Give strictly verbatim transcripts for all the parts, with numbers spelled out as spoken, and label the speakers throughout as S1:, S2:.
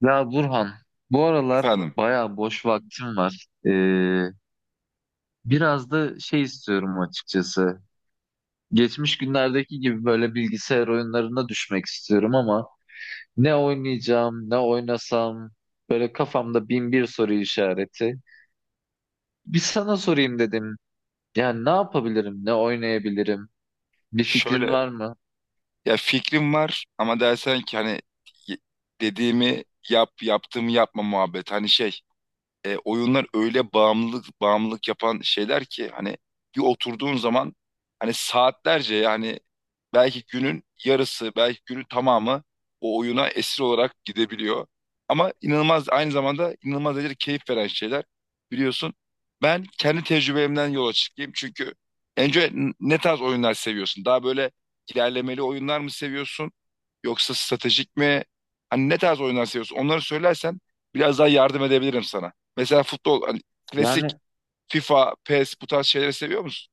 S1: Ya Burhan, bu aralar
S2: Efendim,
S1: bayağı boş vaktim var. Ee, biraz da şey istiyorum açıkçası. Geçmiş günlerdeki gibi böyle bilgisayar oyunlarına düşmek istiyorum ama ne oynayacağım, ne oynasam böyle kafamda bin bir soru işareti. Bir sana sorayım dedim. Yani ne yapabilirim, ne oynayabilirim? Bir fikrin
S2: şöyle
S1: var mı?
S2: ya fikrim var ama dersen ki hani y- dediğimi yap yaptığımı yapma muhabbet. Hani şey e, oyunlar öyle bağımlılık bağımlılık yapan şeyler ki hani bir oturduğun zaman hani saatlerce yani belki günün yarısı belki günün tamamı o oyuna esir olarak gidebiliyor. Ama inanılmaz aynı zamanda inanılmaz derecede keyif veren şeyler biliyorsun. Ben kendi tecrübemden yola çıkayım çünkü önce n- ne tarz oyunlar seviyorsun? Daha böyle ilerlemeli oyunlar mı seviyorsun? Yoksa stratejik mi? Hani ne tarz oyunlar seviyorsun? Onları söylersen biraz daha yardım edebilirim sana. Mesela futbol, hani klasik
S1: Yani
S2: FIFA, PES bu tarz şeyleri seviyor musun?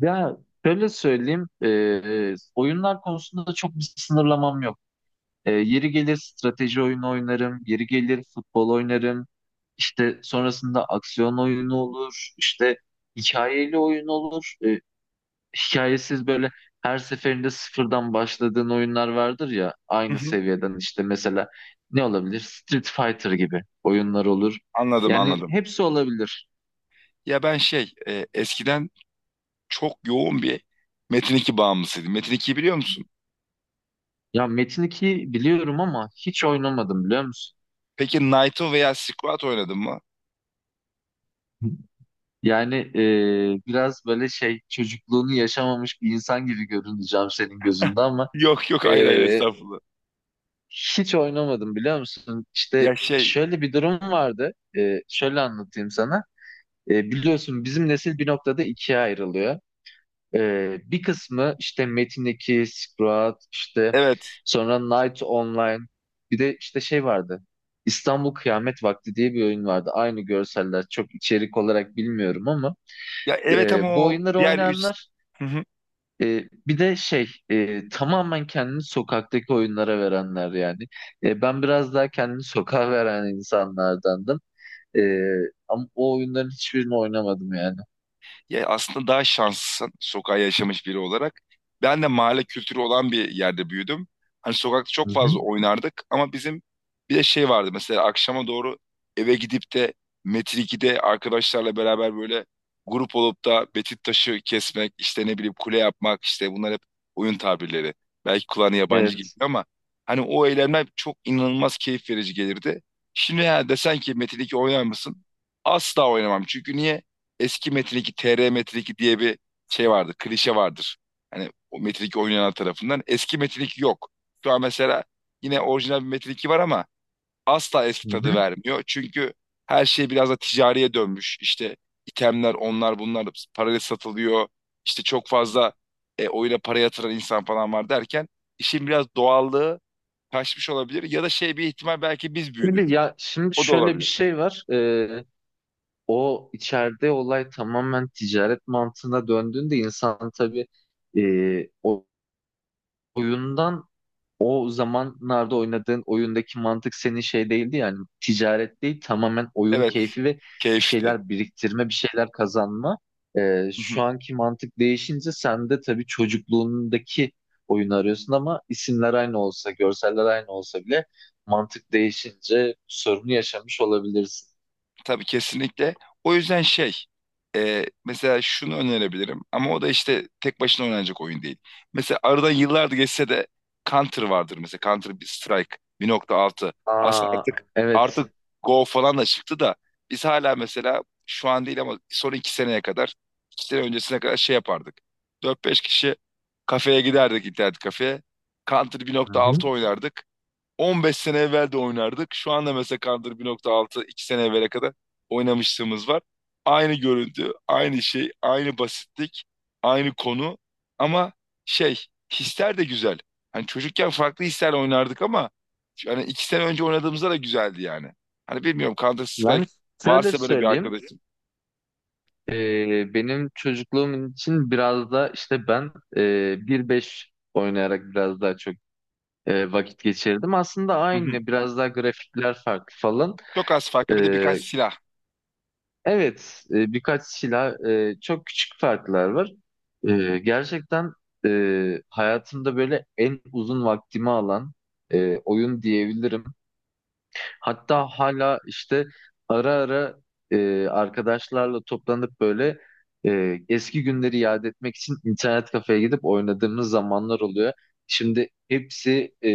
S1: ya şöyle söyleyeyim, ee, oyunlar konusunda çok bir sınırlamam yok. E, yeri gelir strateji oyunu oynarım, yeri gelir futbol oynarım. İşte sonrasında aksiyon oyunu olur, işte hikayeli oyun olur. E, hikayesiz böyle her seferinde sıfırdan başladığın oyunlar vardır ya
S2: Hı
S1: aynı
S2: hı.
S1: seviyeden işte mesela ne olabilir? Street Fighter gibi oyunlar olur.
S2: Anladım
S1: Yani
S2: anladım.
S1: hepsi olabilir.
S2: Ya ben şey e, eskiden çok yoğun bir Metin iki bağımlısıydım. Metin ikiyi biliyor musun?
S1: Ya Metin ikiyi biliyorum ama hiç oynamadım biliyor musun?
S2: Peki Naito veya Squat oynadın mı?
S1: Yani e, Biraz böyle şey çocukluğunu yaşamamış bir insan gibi görüneceğim senin gözünde ama
S2: Yok yok,
S1: e,
S2: hayır hayır, estağfurullah.
S1: hiç oynamadım biliyor musun?
S2: Ya
S1: İşte
S2: şey
S1: şöyle bir durum vardı. E, şöyle anlatayım sana. E, biliyorsun bizim nesil bir noktada ikiye ayrılıyor. E, bir kısmı işte Metin iki, Sprat, işte
S2: evet.
S1: sonra Night Online. Bir de işte şey vardı. İstanbul Kıyamet Vakti diye bir oyun vardı. Aynı görseller çok içerik olarak bilmiyorum ama
S2: Ya evet, ama
S1: e, bu
S2: o
S1: oyunları
S2: diğer üç.
S1: oynayanlar e, bir de şey e, tamamen kendini sokaktaki oyunlara verenler yani. E, ben biraz daha kendini sokağa veren insanlardandım. E, Ama o oyunların hiçbirini oynamadım yani.
S2: Ya aslında daha şanslısın sokağa yaşamış biri olarak. Ben de mahalle kültürü olan bir yerde büyüdüm. Hani sokakta
S1: Hı
S2: çok fazla
S1: hı.
S2: oynardık, ama bizim bir de şey vardı, mesela akşama doğru eve gidip de Metrik'te arkadaşlarla beraber böyle grup olup da betit taşı kesmek, işte ne bileyim kule yapmak, işte bunlar hep oyun tabirleri. Belki kulağına yabancı gibi,
S1: Evet.
S2: ama hani o eylemler çok inanılmaz keyif verici gelirdi. Şimdi ya desen ki Metin iki oynar mısın? Asla oynamam. Çünkü niye? Eski Metin iki, T R Metin iki diye bir şey vardır, klişe vardır. Hani o Metin iki oynayanlar tarafından. Eski Metin iki yok. Şu an mesela yine orijinal bir Metin iki var ama asla eski
S1: Hı
S2: tadı
S1: hı.
S2: vermiyor. Çünkü her şey biraz da ticariye dönmüş. İşte itemler, onlar bunlar parayla satılıyor. İşte çok fazla e, oyuna para yatıran insan falan var derken işin biraz doğallığı kaçmış olabilir. Ya da şey bir ihtimal belki biz büyüdük.
S1: Şimdi ya şimdi
S2: O da
S1: şöyle bir
S2: olabilir.
S1: şey var. E, o içeride olay tamamen ticaret mantığına döndüğünde insan tabii e, o oyundan o zamanlarda oynadığın oyundaki mantık senin şey değildi yani ticaret değil tamamen oyun
S2: Evet,
S1: keyfi ve bir
S2: keyifti.
S1: şeyler biriktirme bir şeyler kazanma. Ee, şu anki mantık değişince sen de tabii çocukluğundaki oyunu arıyorsun ama isimler aynı olsa görseller aynı olsa bile mantık değişince sorunu yaşamış olabilirsin.
S2: Tabii, kesinlikle. O yüzden şey e, mesela şunu önerebilirim, ama o da işte tek başına oynanacak oyun değil. Mesela aradan yıllar geçse de Counter vardır, mesela Counter bir Strike bir nokta altı. Aslında
S1: Aa
S2: artık artık.
S1: evet.
S2: Evet. Go falan da çıktı da biz hala mesela şu an değil ama son iki seneye kadar, iki sene öncesine kadar şey yapardık. Dört beş kişi kafeye giderdik, internet kafeye. Counter bir
S1: Hı
S2: nokta
S1: hı.
S2: altı oynardık. on beş sene evvel de oynardık. Şu anda mesela Counter bir nokta altı iki sene evvele kadar oynamışlığımız var. Aynı görüntü, aynı şey, aynı basitlik, aynı konu, ama şey, hisler de güzel. Hani çocukken farklı hislerle oynardık ama yani iki sene önce oynadığımızda da güzeldi yani. Hani bilmiyorum, Counter
S1: Ben
S2: Strike
S1: şöyle
S2: varsa böyle bir
S1: söyleyeyim.
S2: arkadaşım.
S1: Ee, benim çocukluğum için biraz da işte ben e, bir beş oynayarak biraz daha çok e, vakit geçirdim. Aslında
S2: Hı hı.
S1: aynı biraz daha grafikler farklı falan.
S2: Çok az farklı, bir de birkaç
S1: Ee,
S2: silah.
S1: evet e, birkaç silah e, çok küçük farklar var. Ee, gerçekten e, hayatımda böyle en uzun vaktimi alan e, oyun diyebilirim. Hatta hala işte ara ara e, arkadaşlarla toplanıp böyle e, eski günleri yad etmek için internet kafeye gidip oynadığımız zamanlar oluyor. Şimdi hepsi e,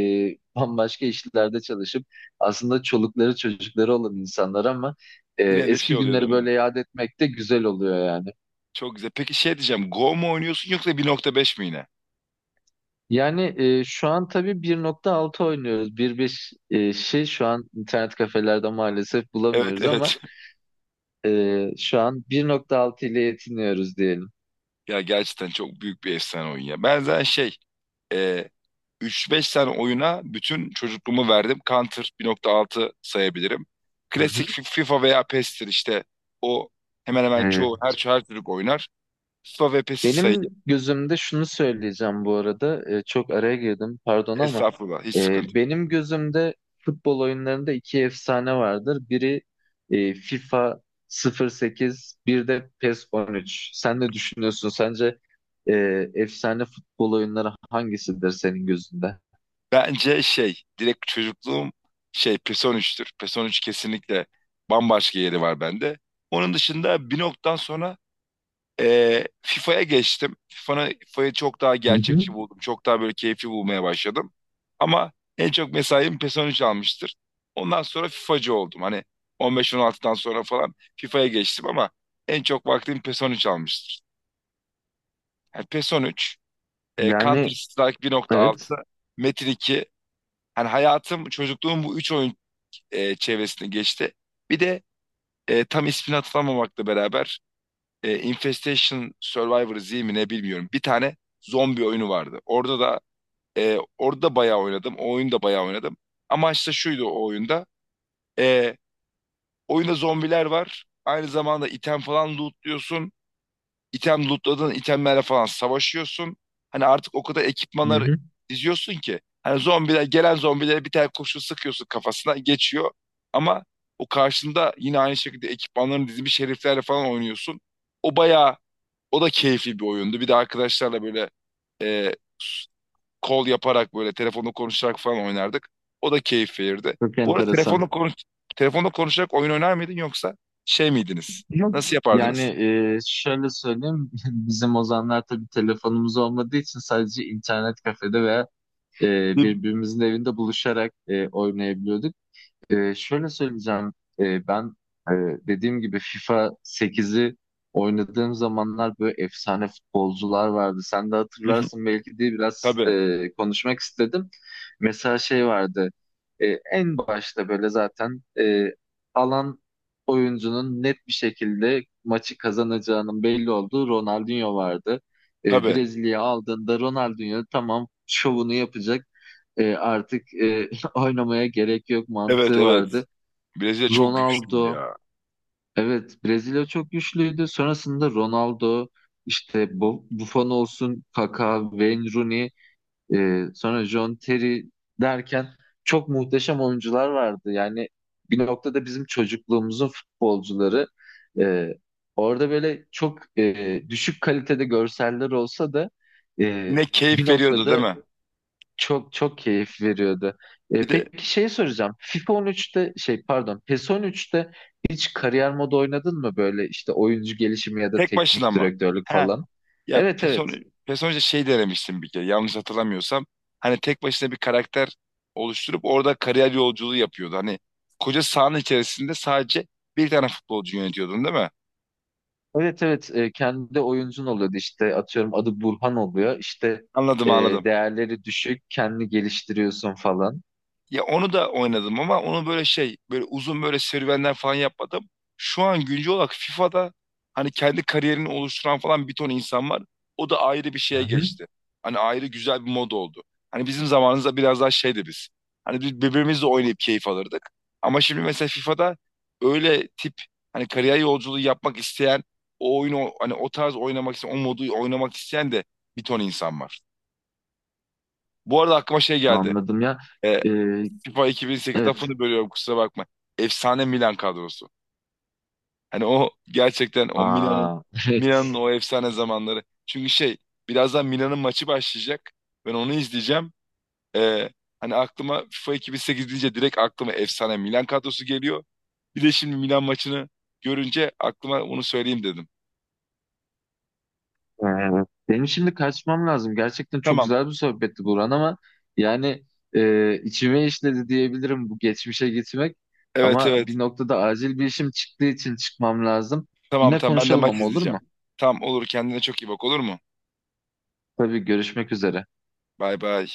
S1: bambaşka işlerde çalışıp aslında çolukları çocukları olan insanlar ama e,
S2: Yine de şey
S1: eski
S2: oluyor değil
S1: günleri
S2: mi?
S1: böyle yad etmek de güzel oluyor yani.
S2: Çok güzel. Peki şey diyeceğim. Go mu oynuyorsun yoksa bir nokta beş mi yine?
S1: Yani e, şu an tabii bir nokta altı oynuyoruz. bir nokta beş e, şey şu an internet kafelerde maalesef
S2: Evet,
S1: bulamıyoruz ama
S2: evet.
S1: Ee, şu an bir nokta altı ile yetiniyoruz diyelim.
S2: Ya gerçekten çok büyük bir efsane oyun ya. Ben zaten şey, e, üç beş tane oyuna bütün çocukluğumu verdim. Counter bir nokta altı sayabilirim.
S1: Hı
S2: Klasik
S1: hı.
S2: Fi- FIFA veya PES'tir işte. O hemen hemen
S1: Ee,
S2: çoğu her, her çocuk oynar. FIFA ve PES'i sayayım.
S1: Benim gözümde şunu söyleyeceğim bu arada. Ee, çok araya girdim pardon ama
S2: Estağfurullah, hiç
S1: e,
S2: sıkıntı yok.
S1: benim gözümde futbol oyunlarında iki efsane vardır. Biri e, FIFA sıfır sekiz, bir de P E S on üç. Sen ne düşünüyorsun? Sence e, efsane futbol oyunları hangisidir senin gözünde?
S2: Bence şey, direkt çocukluğum şey PES on üçtür. PES on üç kesinlikle bambaşka yeri var bende. Onun dışında bir noktadan sonra Ee, FIFA'ya geçtim. FIFA'nı, FIFA'yı çok daha
S1: Hı hı.
S2: gerçekçi buldum. Çok daha böyle keyifli bulmaya başladım. Ama en çok mesaim PES on üç almıştır. Ondan sonra FIFA'cı oldum. Hani on beş on altıdan sonra falan FIFA'ya geçtim ama en çok vaktim PES on üç almıştır. Yani PES on üç, e, Counter
S1: Yani
S2: Strike bir nokta altı,
S1: evet.
S2: Metin iki. Hani hayatım, çocukluğum bu üç oyun e, çevresinde geçti. Bir de e, tam ismini hatırlamamakla beraber e, Infestation Survivor Z mi ne bilmiyorum. Bir tane zombi oyunu vardı. Orada da e, orada da bayağı oynadım. O oyunu da bayağı oynadım. Amaç da şuydu o oyunda. E, oyunda zombiler var. Aynı zamanda item falan lootluyorsun. İtem lootladığın itemlerle falan savaşıyorsun. Hani artık o kadar
S1: Hı
S2: ekipmanlar
S1: hı.
S2: diziyorsun ki. Hani zombiler gelen zombilere bir tane kurşun sıkıyorsun, kafasına geçiyor. Ama o karşında yine aynı şekilde ekipmanların dizilmiş heriflerle falan oynuyorsun. O bayağı O da keyifli bir oyundu. Bir de arkadaşlarla böyle e, kol yaparak böyle telefonla konuşarak falan oynardık. O da keyif verirdi.
S1: Çok
S2: Bu arada
S1: enteresan.
S2: telefonla konuş telefonla konuşarak oyun oynar mıydın, yoksa şey miydiniz?
S1: Yok.
S2: Nasıl
S1: Yani
S2: yapardınız?
S1: e, Şöyle söyleyeyim, bizim o zamanlar tabii telefonumuz olmadığı için sadece internet kafede veya e, birbirimizin evinde buluşarak e, oynayabiliyorduk. Ee, şöyle söyleyeceğim. Ee, ben e, dediğim gibi FIFA sekizi oynadığım zamanlar böyle efsane futbolcular vardı. Sen de
S2: Hı hı.
S1: hatırlarsın belki diye biraz
S2: Tabii,
S1: e, konuşmak istedim. Mesela şey vardı. E, en başta böyle zaten e, alan oyuncunun net bir şekilde maçı kazanacağının belli olduğu Ronaldinho vardı. E,
S2: tabii.
S1: Brezilya'ya aldığında Ronaldinho tamam şovunu yapacak. E, artık e, oynamaya gerek yok
S2: Evet,
S1: mantığı
S2: evet.
S1: vardı.
S2: Brezilya çok güçlü
S1: Ronaldo,
S2: ya.
S1: evet Brezilya çok güçlüydü. Sonrasında Ronaldo, işte Bu- Buffon olsun, Kaka, Wayne Rooney, e, sonra John Terry derken çok muhteşem oyuncular vardı. Yani bir noktada bizim çocukluğumuzun futbolcuları. E, Orada böyle çok e, düşük kalitede görseller olsa da e,
S2: Yine
S1: bir
S2: keyif veriyordu değil
S1: noktada
S2: mi?
S1: çok çok keyif veriyordu.
S2: Bir
S1: E,
S2: de
S1: peki şey soracağım. FIFA on üçte şey pardon P E S on üçte hiç kariyer modu oynadın mı böyle işte oyuncu gelişimi ya da
S2: tek başına
S1: teknik
S2: mı?
S1: direktörlük
S2: He.
S1: falan?
S2: Ya
S1: Evet
S2: person
S1: evet.
S2: personaja şey denemiştim bir kere, yanlış hatırlamıyorsam. Hani tek başına bir karakter oluşturup orada kariyer yolculuğu yapıyordu. Hani koca sahanın içerisinde sadece bir tane futbolcu yönetiyordun değil mi?
S1: Evet evet. E, kendi oyuncun oluyordu işte atıyorum adı Burhan oluyor işte
S2: Anladım,
S1: e,
S2: anladım.
S1: değerleri düşük kendini geliştiriyorsun falan.
S2: Ya onu da oynadım ama onu böyle şey, böyle uzun böyle serüvenler falan yapmadım. Şu an güncel olarak FIFA'da hani kendi kariyerini oluşturan falan bir ton insan var. O da ayrı bir
S1: Hı
S2: şeye
S1: hı.
S2: geçti. Hani ayrı güzel bir mod oldu. Hani bizim zamanımızda biraz daha şeydi biz. Hani biz birbirimizle oynayıp keyif alırdık. Ama şimdi mesela FIFA'da öyle tip hani kariyer yolculuğu yapmak isteyen, o oyunu hani o tarz oynamak isteyen, o modu oynamak isteyen de bir ton insan var. Bu arada aklıma şey geldi.
S1: Anladım ya.
S2: Ee,
S1: E,
S2: FIFA iki bin sekiz
S1: evet.
S2: lafını bölüyorum, kusura bakma. Efsane Milan kadrosu. Hani o gerçekten o Milan'ın
S1: Aa.
S2: Milan'ın o efsane zamanları. Çünkü şey, birazdan Milan'ın maçı başlayacak. Ben onu izleyeceğim. Ee, hani aklıma FIFA iki bin sekiz deyince direkt aklıma efsane Milan kadrosu geliyor. Bir de şimdi Milan maçını görünce aklıma onu söyleyeyim dedim.
S1: Ee, Benim şimdi kaçmam lazım. Gerçekten çok
S2: Tamam.
S1: güzel bir sohbetti Burhan ama yani e, içime işledi diyebilirim bu geçmişe gitmek.
S2: Evet,
S1: Ama
S2: evet.
S1: bir noktada acil bir işim çıktığı için çıkmam lazım.
S2: Tamam,
S1: Yine
S2: tamam, ben de
S1: konuşalım
S2: maç
S1: ama olur mu?
S2: izleyeceğim. Tamam, olur, kendine çok iyi bak, olur mu?
S1: Tabii görüşmek üzere.
S2: Bay bay.